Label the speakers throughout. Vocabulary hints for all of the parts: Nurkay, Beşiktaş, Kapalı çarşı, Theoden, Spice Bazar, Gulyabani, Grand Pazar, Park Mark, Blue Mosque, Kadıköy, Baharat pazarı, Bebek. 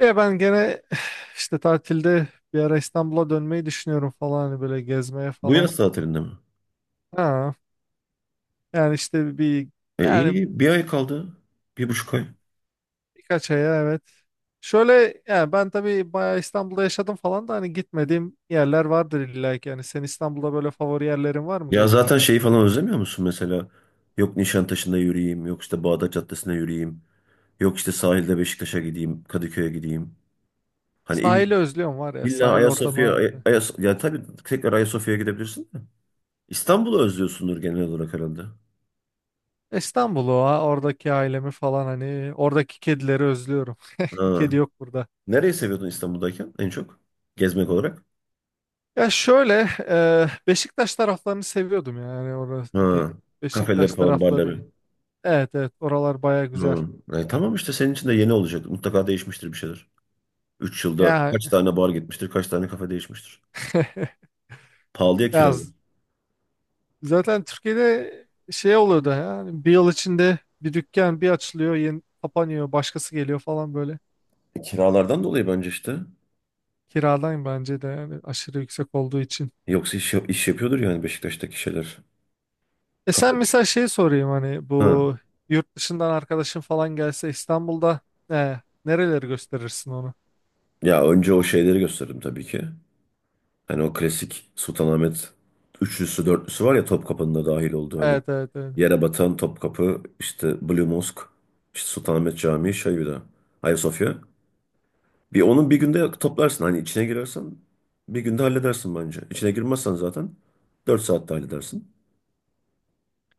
Speaker 1: Ya ben gene işte tatilde bir ara İstanbul'a dönmeyi düşünüyorum falan hani böyle gezmeye
Speaker 2: Bu
Speaker 1: falan.
Speaker 2: yaz tatilinde mi?
Speaker 1: Ha, yani işte bir
Speaker 2: E
Speaker 1: yani
Speaker 2: iyi bir ay kaldı. Bir buçuk ay.
Speaker 1: birkaç aya evet. Şöyle yani ben tabii bayağı İstanbul'da yaşadım falan da hani gitmediğim yerler vardır illa ki. Yani senin İstanbul'da böyle favori yerlerin var mı
Speaker 2: Ya
Speaker 1: gezmek
Speaker 2: zaten
Speaker 1: için?
Speaker 2: şeyi falan özlemiyor musun mesela? Yok Nişantaşı'nda yürüyeyim. Yok işte Bağdat caddesine yürüyeyim. Yok işte sahilde Beşiktaş'a gideyim. Kadıköy'e gideyim. Hani il,
Speaker 1: Sahili özlüyorum var ya,
Speaker 2: illa
Speaker 1: sahil ortamı
Speaker 2: Ayasofya. Ay,
Speaker 1: harbiden.
Speaker 2: Ya tabii tekrar Ayasofya'ya gidebilirsin de. İstanbul'u özlüyorsundur genel olarak herhalde.
Speaker 1: İstanbul'u ha, oradaki ailemi falan hani oradaki kedileri özlüyorum.
Speaker 2: Ha.
Speaker 1: Kedi yok burada.
Speaker 2: Nereyi seviyordun İstanbul'dayken en çok? Gezmek olarak.
Speaker 1: Ya şöyle Beşiktaş taraflarını seviyordum yani orası
Speaker 2: Ha. Kafeler
Speaker 1: Beşiktaş
Speaker 2: falan,
Speaker 1: tarafları.
Speaker 2: barları.
Speaker 1: Evet evet, oralar baya güzel.
Speaker 2: Ha. Tamam işte senin için de yeni olacak. Mutlaka değişmiştir bir şeyler. 3 yılda
Speaker 1: Ya
Speaker 2: kaç tane bar gitmiştir, kaç tane kafe değişmiştir. Pahalıya
Speaker 1: ya
Speaker 2: kiralı.
Speaker 1: zaten Türkiye'de şey oluyordu yani bir yıl içinde bir dükkan bir açılıyor yeni kapanıyor başkası geliyor falan böyle.
Speaker 2: Kiralardan dolayı bence işte.
Speaker 1: Kiradan bence de yani aşırı yüksek olduğu için.
Speaker 2: Yoksa iş yapıyordur yani Beşiktaş'taki şeyler,
Speaker 1: E sen
Speaker 2: kafeler.
Speaker 1: mesela şey sorayım hani
Speaker 2: Ha.
Speaker 1: bu yurt dışından arkadaşın falan gelse İstanbul'da e, nereleri gösterirsin onu?
Speaker 2: Ya önce o şeyleri gösterdim tabii ki. Hani o klasik Sultanahmet üçlüsü, dörtlüsü var ya Topkapı'nın da dahil olduğu hani.
Speaker 1: Evet evet evet.
Speaker 2: Yere batan Topkapı, işte Blue Mosque, işte Sultanahmet Camii, şey bir de Ayasofya. Bir onun bir günde toplarsın. Hani içine girersen bir günde halledersin bence. İçine girmezsen zaten 4 saatte halledersin.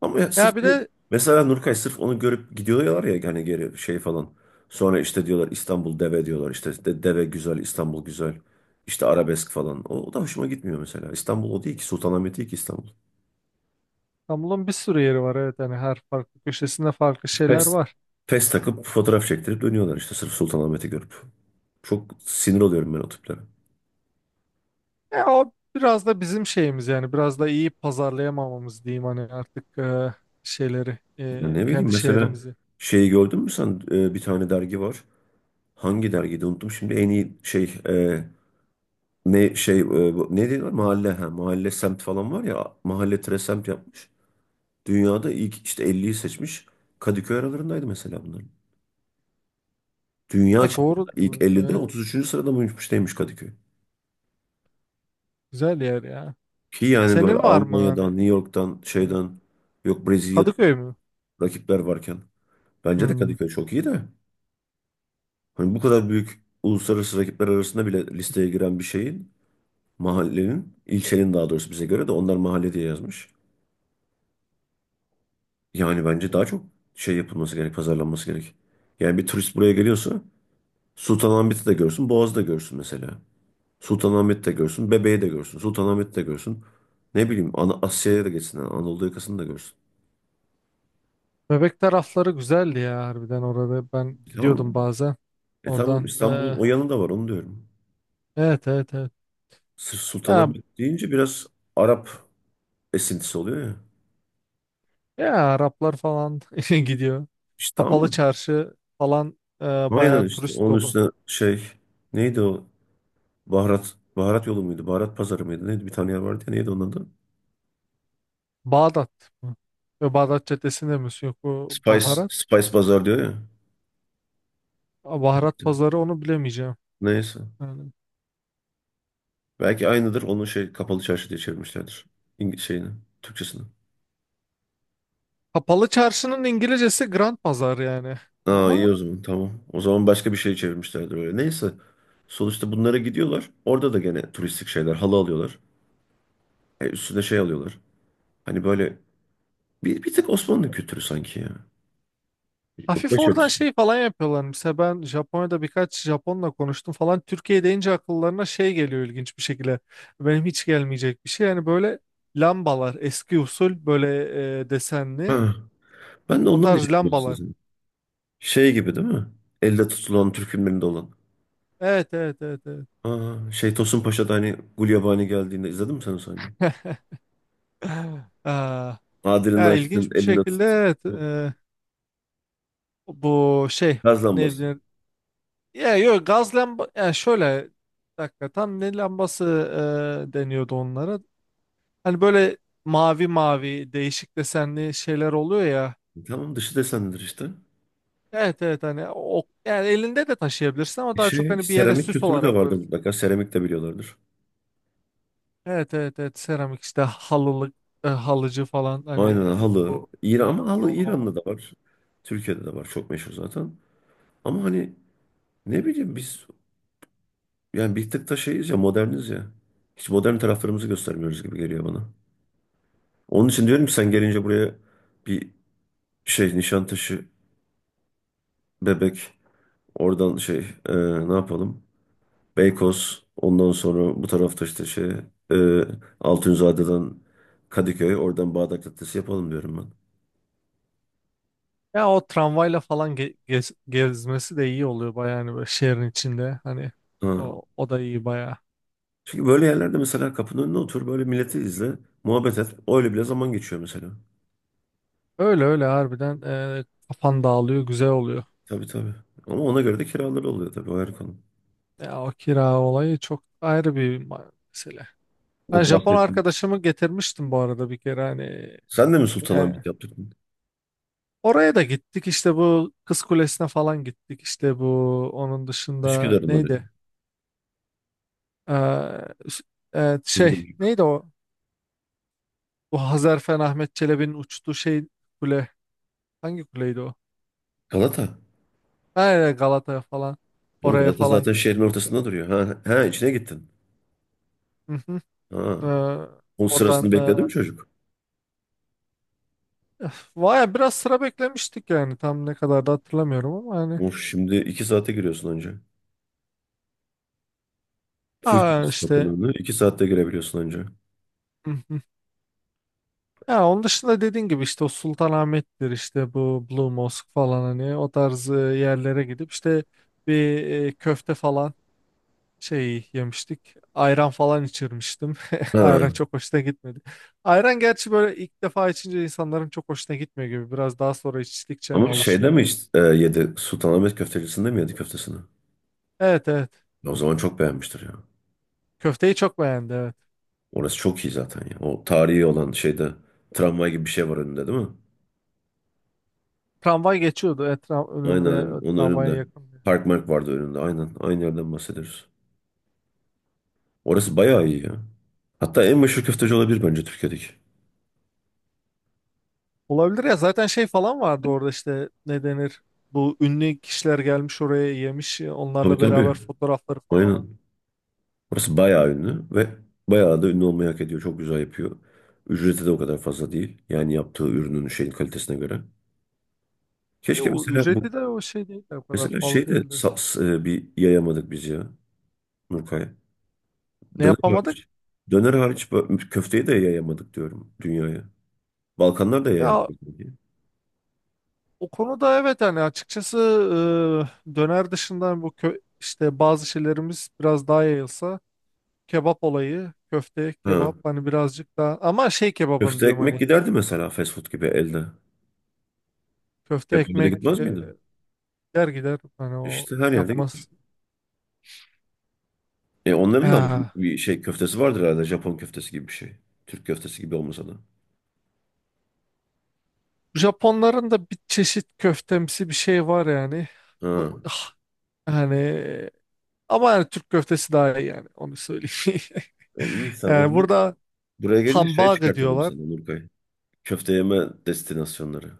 Speaker 2: Ama ya sırf
Speaker 1: Ya bir de
Speaker 2: mesela Nurkay sırf onu görüp gidiyorlar ya hani geri şey falan. Sonra işte diyorlar İstanbul deve diyorlar. İşte deve güzel, İstanbul güzel. İşte arabesk falan. O da hoşuma gitmiyor mesela. İstanbul o değil ki. Sultanahmet değil ki İstanbul.
Speaker 1: İstanbul'un bir sürü yeri var, evet yani her farklı köşesinde farklı şeyler
Speaker 2: Pes.
Speaker 1: var.
Speaker 2: Pes takıp fotoğraf çektirip dönüyorlar işte sırf Sultanahmet'i görüp. Çok sinir oluyorum ben o tiplere.
Speaker 1: E, o biraz da bizim şeyimiz yani biraz da iyi pazarlayamamamız diyeyim hani artık şeyleri
Speaker 2: Ya ne bileyim
Speaker 1: kendi
Speaker 2: mesela
Speaker 1: şehrimizi.
Speaker 2: şeyi gördün mü sen? Bir tane dergi var. Hangi dergiydi unuttum şimdi. En iyi şey ne şey ne diyorlar mahalle ha mahalle semt falan var ya mahalle tire semt yapmış. Dünyada ilk işte elliyi seçmiş. Kadıköy aralarındaydı mesela bunların. Dünya
Speaker 1: Ya
Speaker 2: çapında
Speaker 1: doğru,
Speaker 2: ilk 50'de
Speaker 1: evet,
Speaker 2: 33. sırada mıymış neymiş Kadıköy.
Speaker 1: güzel yer ya.
Speaker 2: Ki yani böyle
Speaker 1: Senin var mı
Speaker 2: Almanya'dan,
Speaker 1: hani
Speaker 2: New York'tan,
Speaker 1: e,
Speaker 2: şeyden yok Brezilya'dan
Speaker 1: Kadıköy mü?
Speaker 2: rakipler varken bence de
Speaker 1: Hmm.
Speaker 2: Kadıköy çok iyi de. Hani bu kadar büyük uluslararası rakipler arasında bile listeye giren bir şeyin mahallenin, ilçenin daha doğrusu bize göre de onlar mahalle diye yazmış. Yani bence daha çok şey yapılması gerek, pazarlanması gerek. Yani bir turist buraya geliyorsa Sultanahmet'i de görsün, Boğaz'ı da görsün mesela. Sultanahmet'i de görsün, Bebeği de görsün, Sultanahmet'i de görsün. Ne bileyim Ana Asya'ya da geçsin, yani Anadolu yakasını da görsün.
Speaker 1: Bebek tarafları güzeldi ya harbiden, orada ben
Speaker 2: E tamam. mı?
Speaker 1: gidiyordum bazen
Speaker 2: E tamam
Speaker 1: oradan.
Speaker 2: İstanbul'un o yanı da var onu diyorum.
Speaker 1: Evet evet evet.
Speaker 2: Sırf
Speaker 1: Ya
Speaker 2: Sultanahmet deyince biraz Arap esintisi oluyor ya.
Speaker 1: Ya Araplar falan gidiyor.
Speaker 2: İşte
Speaker 1: Kapalı
Speaker 2: ama
Speaker 1: çarşı falan
Speaker 2: aynen
Speaker 1: bayağı
Speaker 2: işte
Speaker 1: turist
Speaker 2: onun
Speaker 1: dolu.
Speaker 2: üstüne şey neydi o baharat yolu muydu baharat pazarı mıydı neydi bir tane yer vardı ya neydi onun adı?
Speaker 1: Bağdat mı? Ve Bağdat Caddesi'nde mi? Yok, bu
Speaker 2: Spice,
Speaker 1: baharat.
Speaker 2: Spice Bazar diyor ya.
Speaker 1: Aa, baharat
Speaker 2: Gittim.
Speaker 1: pazarı, onu bilemeyeceğim.
Speaker 2: Neyse.
Speaker 1: Yani.
Speaker 2: Belki aynıdır. Onun şey kapalı çarşı diye çevirmişlerdir. İng şeyini, Türkçesini.
Speaker 1: Kapalı çarşının İngilizcesi Grand Pazar yani.
Speaker 2: Aa
Speaker 1: Ama
Speaker 2: iyi o zaman tamam. O zaman başka bir şey çevirmişlerdir öyle. Neyse. Sonuçta bunlara gidiyorlar. Orada da gene turistik şeyler. Halı alıyorlar. Üstüne şey alıyorlar. Hani böyle bir tık Osmanlı kültürü sanki ya. Yok
Speaker 1: hafif oradan
Speaker 2: başörtüsü.
Speaker 1: şey falan yapıyorlar. Mesela ben Japonya'da birkaç Japonla konuştum falan. Türkiye deyince akıllarına şey geliyor, ilginç bir şekilde. Benim hiç gelmeyecek bir şey. Yani böyle lambalar eski usul, böyle desenli
Speaker 2: Ha. Ben de
Speaker 1: o
Speaker 2: ondan
Speaker 1: tarz
Speaker 2: diyecektim
Speaker 1: lambalar.
Speaker 2: size. Şey gibi değil mi? Elde tutulan Türk filmlerinde olan.
Speaker 1: Evet evet evet evet.
Speaker 2: Aa, şey Tosun Paşa'da hani Gulyabani geldiğinde izledin mi sen o sahneyi?
Speaker 1: Aa,
Speaker 2: Adilini
Speaker 1: ya
Speaker 2: açtın,
Speaker 1: ilginç bir
Speaker 2: eline
Speaker 1: şekilde,
Speaker 2: tuttun.
Speaker 1: evet, bu şey
Speaker 2: Gaz
Speaker 1: ne
Speaker 2: lambası.
Speaker 1: denir? Ya yok gaz lamba ya, şöyle bir dakika, tam ne lambası deniyordu onlara. Hani böyle mavi mavi değişik desenli şeyler oluyor ya.
Speaker 2: E tamam dışı desendir işte.
Speaker 1: Evet evet, hani o yani elinde de taşıyabilirsin ama
Speaker 2: E
Speaker 1: daha çok
Speaker 2: şey,
Speaker 1: hani bir yere
Speaker 2: seramik
Speaker 1: süs
Speaker 2: kültürü de
Speaker 1: olarak
Speaker 2: vardır
Speaker 1: koyuyorsun.
Speaker 2: mutlaka. Seramik de biliyorlardır.
Speaker 1: Evet evet evet, seramik işte halılık halıcı falan hani
Speaker 2: Aynen halı.
Speaker 1: bu
Speaker 2: İran,
Speaker 1: ya,
Speaker 2: ama halı İran'da da var. Türkiye'de de var. Çok meşhur zaten. Ama hani ne bileyim biz yani bir tık da şeyiz ya moderniz ya. Hiç modern taraflarımızı göstermiyoruz gibi geliyor bana. Onun için diyorum ki sen gelince buraya bir şey Nişantaşı, Bebek oradan şey e, ne yapalım? Beykoz. Ondan sonra bu tarafta işte şey e, Altunzade'den Kadıköy. Oradan Bağdat Caddesi yapalım diyorum ben.
Speaker 1: ya o tramvayla falan gezmesi de iyi oluyor baya hani böyle şehrin içinde hani
Speaker 2: Ha.
Speaker 1: o, o da iyi baya.
Speaker 2: Çünkü böyle yerlerde mesela kapının önüne otur. Böyle milleti izle. Muhabbet et. Öyle bile zaman geçiyor mesela.
Speaker 1: Öyle öyle harbiden kafan dağılıyor, güzel oluyor.
Speaker 2: Tabii tabii. Ama ona göre de kiraları oluyor tabii. O ayrı konu.
Speaker 1: Ya o kira olayı çok ayrı bir mesele. Ben
Speaker 2: Bu
Speaker 1: Japon
Speaker 2: bahsettiğimiz.
Speaker 1: arkadaşımı getirmiştim bu arada bir kere hani
Speaker 2: Sen de mi
Speaker 1: e,
Speaker 2: Sultanahmet yaptırdın?
Speaker 1: oraya da gittik, işte bu Kız Kulesi'ne falan gittik, işte bu onun dışında
Speaker 2: Üsküdar'ın oraya.
Speaker 1: neydi? E, s- şey
Speaker 2: Kızgın.
Speaker 1: neydi o? Bu Hazarfen Ahmet Çelebi'nin uçtuğu şey, kule, hangi kuleydi o?
Speaker 2: Galata.
Speaker 1: Aynen Galata'ya falan.
Speaker 2: Oğlum
Speaker 1: Oraya
Speaker 2: Galata
Speaker 1: falan
Speaker 2: zaten
Speaker 1: git.
Speaker 2: şehrin ortasında duruyor. Ha, ha içine gittin.
Speaker 1: Hı hı.
Speaker 2: Ha.
Speaker 1: Ee,
Speaker 2: Onun sırasını
Speaker 1: oradan
Speaker 2: bekledi mi çocuk?
Speaker 1: öf, vay, biraz sıra beklemiştik yani. Tam ne kadar da hatırlamıyorum ama hani.
Speaker 2: Of şimdi iki saate giriyorsun önce. Full
Speaker 1: Aa
Speaker 2: servis
Speaker 1: işte.
Speaker 2: Tapınağı'na. İki saatte girebiliyorsun önce.
Speaker 1: Hı hı. Ya onun dışında dediğin gibi işte o Sultanahmet'tir, işte bu Blue Mosque falan, hani o tarz yerlere gidip işte bir köfte falan şey yemiştik. Ayran falan içirmiştim.
Speaker 2: Ha.
Speaker 1: Ayran
Speaker 2: Ama
Speaker 1: çok hoşuna gitmedi. Ayran gerçi böyle ilk defa içince insanların çok hoşuna gitmiyor gibi. Biraz daha sonra içtikçe hani
Speaker 2: şeyde
Speaker 1: alışıyor.
Speaker 2: mi işte, yedi? Sultanahmet köftecisinde mi yedi köftesini?
Speaker 1: Evet evet.
Speaker 2: Ya o zaman çok beğenmiştir ya.
Speaker 1: Köfteyi çok beğendi, evet.
Speaker 2: Orası çok iyi zaten ya. O tarihi olan şeyde tramvay gibi bir şey var önünde değil mi?
Speaker 1: Tramvay geçiyordu etraf
Speaker 2: Aynen
Speaker 1: önünde,
Speaker 2: aynen. Onun
Speaker 1: tramvaya
Speaker 2: önünde.
Speaker 1: yakın diye.
Speaker 2: Park Mark vardı önünde. Aynen. Aynı yerden bahsediyoruz. Orası bayağı iyi ya. Hatta en meşhur köfteci olabilir bence Türkiye'deki.
Speaker 1: Olabilir ya, zaten şey falan vardı orada, işte ne denir? Bu ünlü kişiler gelmiş oraya yemiş,
Speaker 2: Tabii
Speaker 1: onlarla
Speaker 2: tabii.
Speaker 1: beraber fotoğrafları falan.
Speaker 2: Aynen. Burası bayağı ünlü ve bayağı da ünlü olmayı hak ediyor. Çok güzel yapıyor. Ücreti de o kadar fazla değil. Yani yaptığı ürünün şeyin kalitesine göre.
Speaker 1: E,
Speaker 2: Keşke
Speaker 1: o
Speaker 2: mesela bu
Speaker 1: ücreti de o şey değil, o kadar
Speaker 2: mesela
Speaker 1: pahalı
Speaker 2: şey de
Speaker 1: değildi.
Speaker 2: bir yayamadık biz ya Nurkay.
Speaker 1: Ne
Speaker 2: Döner
Speaker 1: yapamadık?
Speaker 2: hariç, döner hariç köfteyi de yayamadık diyorum dünyaya. Balkanlar da
Speaker 1: Ya
Speaker 2: yayamadık. Diye.
Speaker 1: o konuda evet, hani açıkçası döner dışında bu kö işte bazı şeylerimiz biraz daha yayılsa, kebap olayı, köfte,
Speaker 2: Ha.
Speaker 1: kebap hani birazcık daha, ama şey kebabın
Speaker 2: Köfte
Speaker 1: diyorum
Speaker 2: ekmek
Speaker 1: hani.
Speaker 2: giderdi mesela fast food gibi elde.
Speaker 1: Köfte
Speaker 2: Japonya'da
Speaker 1: ekmek
Speaker 2: gitmez miydi?
Speaker 1: gider gider hani o
Speaker 2: İşte her yerde gider.
Speaker 1: yapmaz.
Speaker 2: E onların da
Speaker 1: Ah.
Speaker 2: bir şey köftesi vardır herhalde. Japon köftesi gibi bir şey. Türk köftesi gibi olmasa da.
Speaker 1: Japonların da bir çeşit köftemsi bir şey var yani. Bu,
Speaker 2: Ha.
Speaker 1: ah, yani ama yani Türk köftesi daha iyi yani, onu söyleyeyim.
Speaker 2: İyi sen o
Speaker 1: Yani
Speaker 2: zaman
Speaker 1: burada
Speaker 2: buraya gelince şey
Speaker 1: hambaga
Speaker 2: çıkartalım
Speaker 1: diyorlar.
Speaker 2: sana Nurkay. Köfte yeme destinasyonları.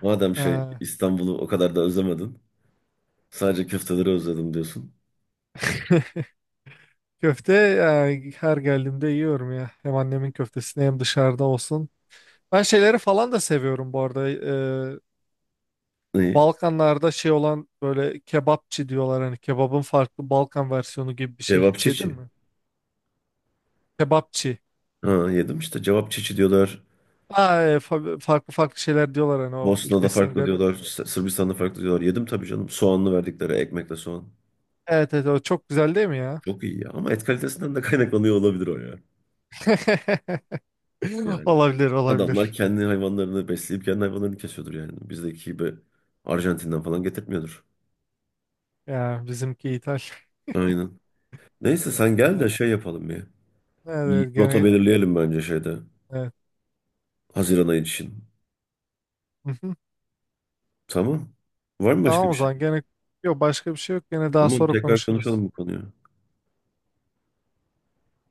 Speaker 2: Madem şey
Speaker 1: Ah,
Speaker 2: İstanbul'u o kadar da özlemedin. Sadece köfteleri özledim diyorsun.
Speaker 1: köfte yani her geldiğimde yiyorum ya. Hem annemin köftesini hem dışarıda olsun. Ben şeyleri falan da seviyorum bu arada. E,
Speaker 2: Neyi?
Speaker 1: Balkanlarda şey olan böyle kebapçı diyorlar, hani kebabın farklı Balkan versiyonu gibi bir şey,
Speaker 2: Cevap
Speaker 1: hiç yedin
Speaker 2: çiçi.
Speaker 1: mi? Kebapçı.
Speaker 2: Ha yedim işte. Cevap çiçi diyorlar.
Speaker 1: Aa, farklı farklı şeyler diyorlar hani o
Speaker 2: Bosna'da
Speaker 1: ülkesine
Speaker 2: farklı
Speaker 1: göre.
Speaker 2: diyorlar. Sırbistan'da farklı diyorlar. Yedim tabii canım. Soğanlı verdikleri ekmekle soğan.
Speaker 1: Evet evet, o çok güzel değil mi ya?
Speaker 2: Çok iyi ya. Ama et kalitesinden de kaynaklanıyor olabilir o ya. Yani
Speaker 1: Olabilir
Speaker 2: adamlar
Speaker 1: olabilir.
Speaker 2: kendi hayvanlarını besleyip kendi hayvanlarını kesiyordur yani. Bizdeki gibi Arjantin'den falan getirtmiyordur.
Speaker 1: Ya bizimki ithal.
Speaker 2: Aynen. Neyse sen gel de
Speaker 1: Ha,
Speaker 2: şey yapalım ya.
Speaker 1: evet,
Speaker 2: Bir
Speaker 1: evet,
Speaker 2: rota
Speaker 1: gene
Speaker 2: belirleyelim bence şeyde.
Speaker 1: evet.
Speaker 2: Haziran ayı için.
Speaker 1: Hı hı.
Speaker 2: Tamam. Var mı başka
Speaker 1: Tamam,
Speaker 2: bir
Speaker 1: o
Speaker 2: şey?
Speaker 1: zaman gene yok, başka bir şey yok, gene daha
Speaker 2: Tamam
Speaker 1: sonra
Speaker 2: tekrar
Speaker 1: konuşuruz.
Speaker 2: konuşalım bu konuyu.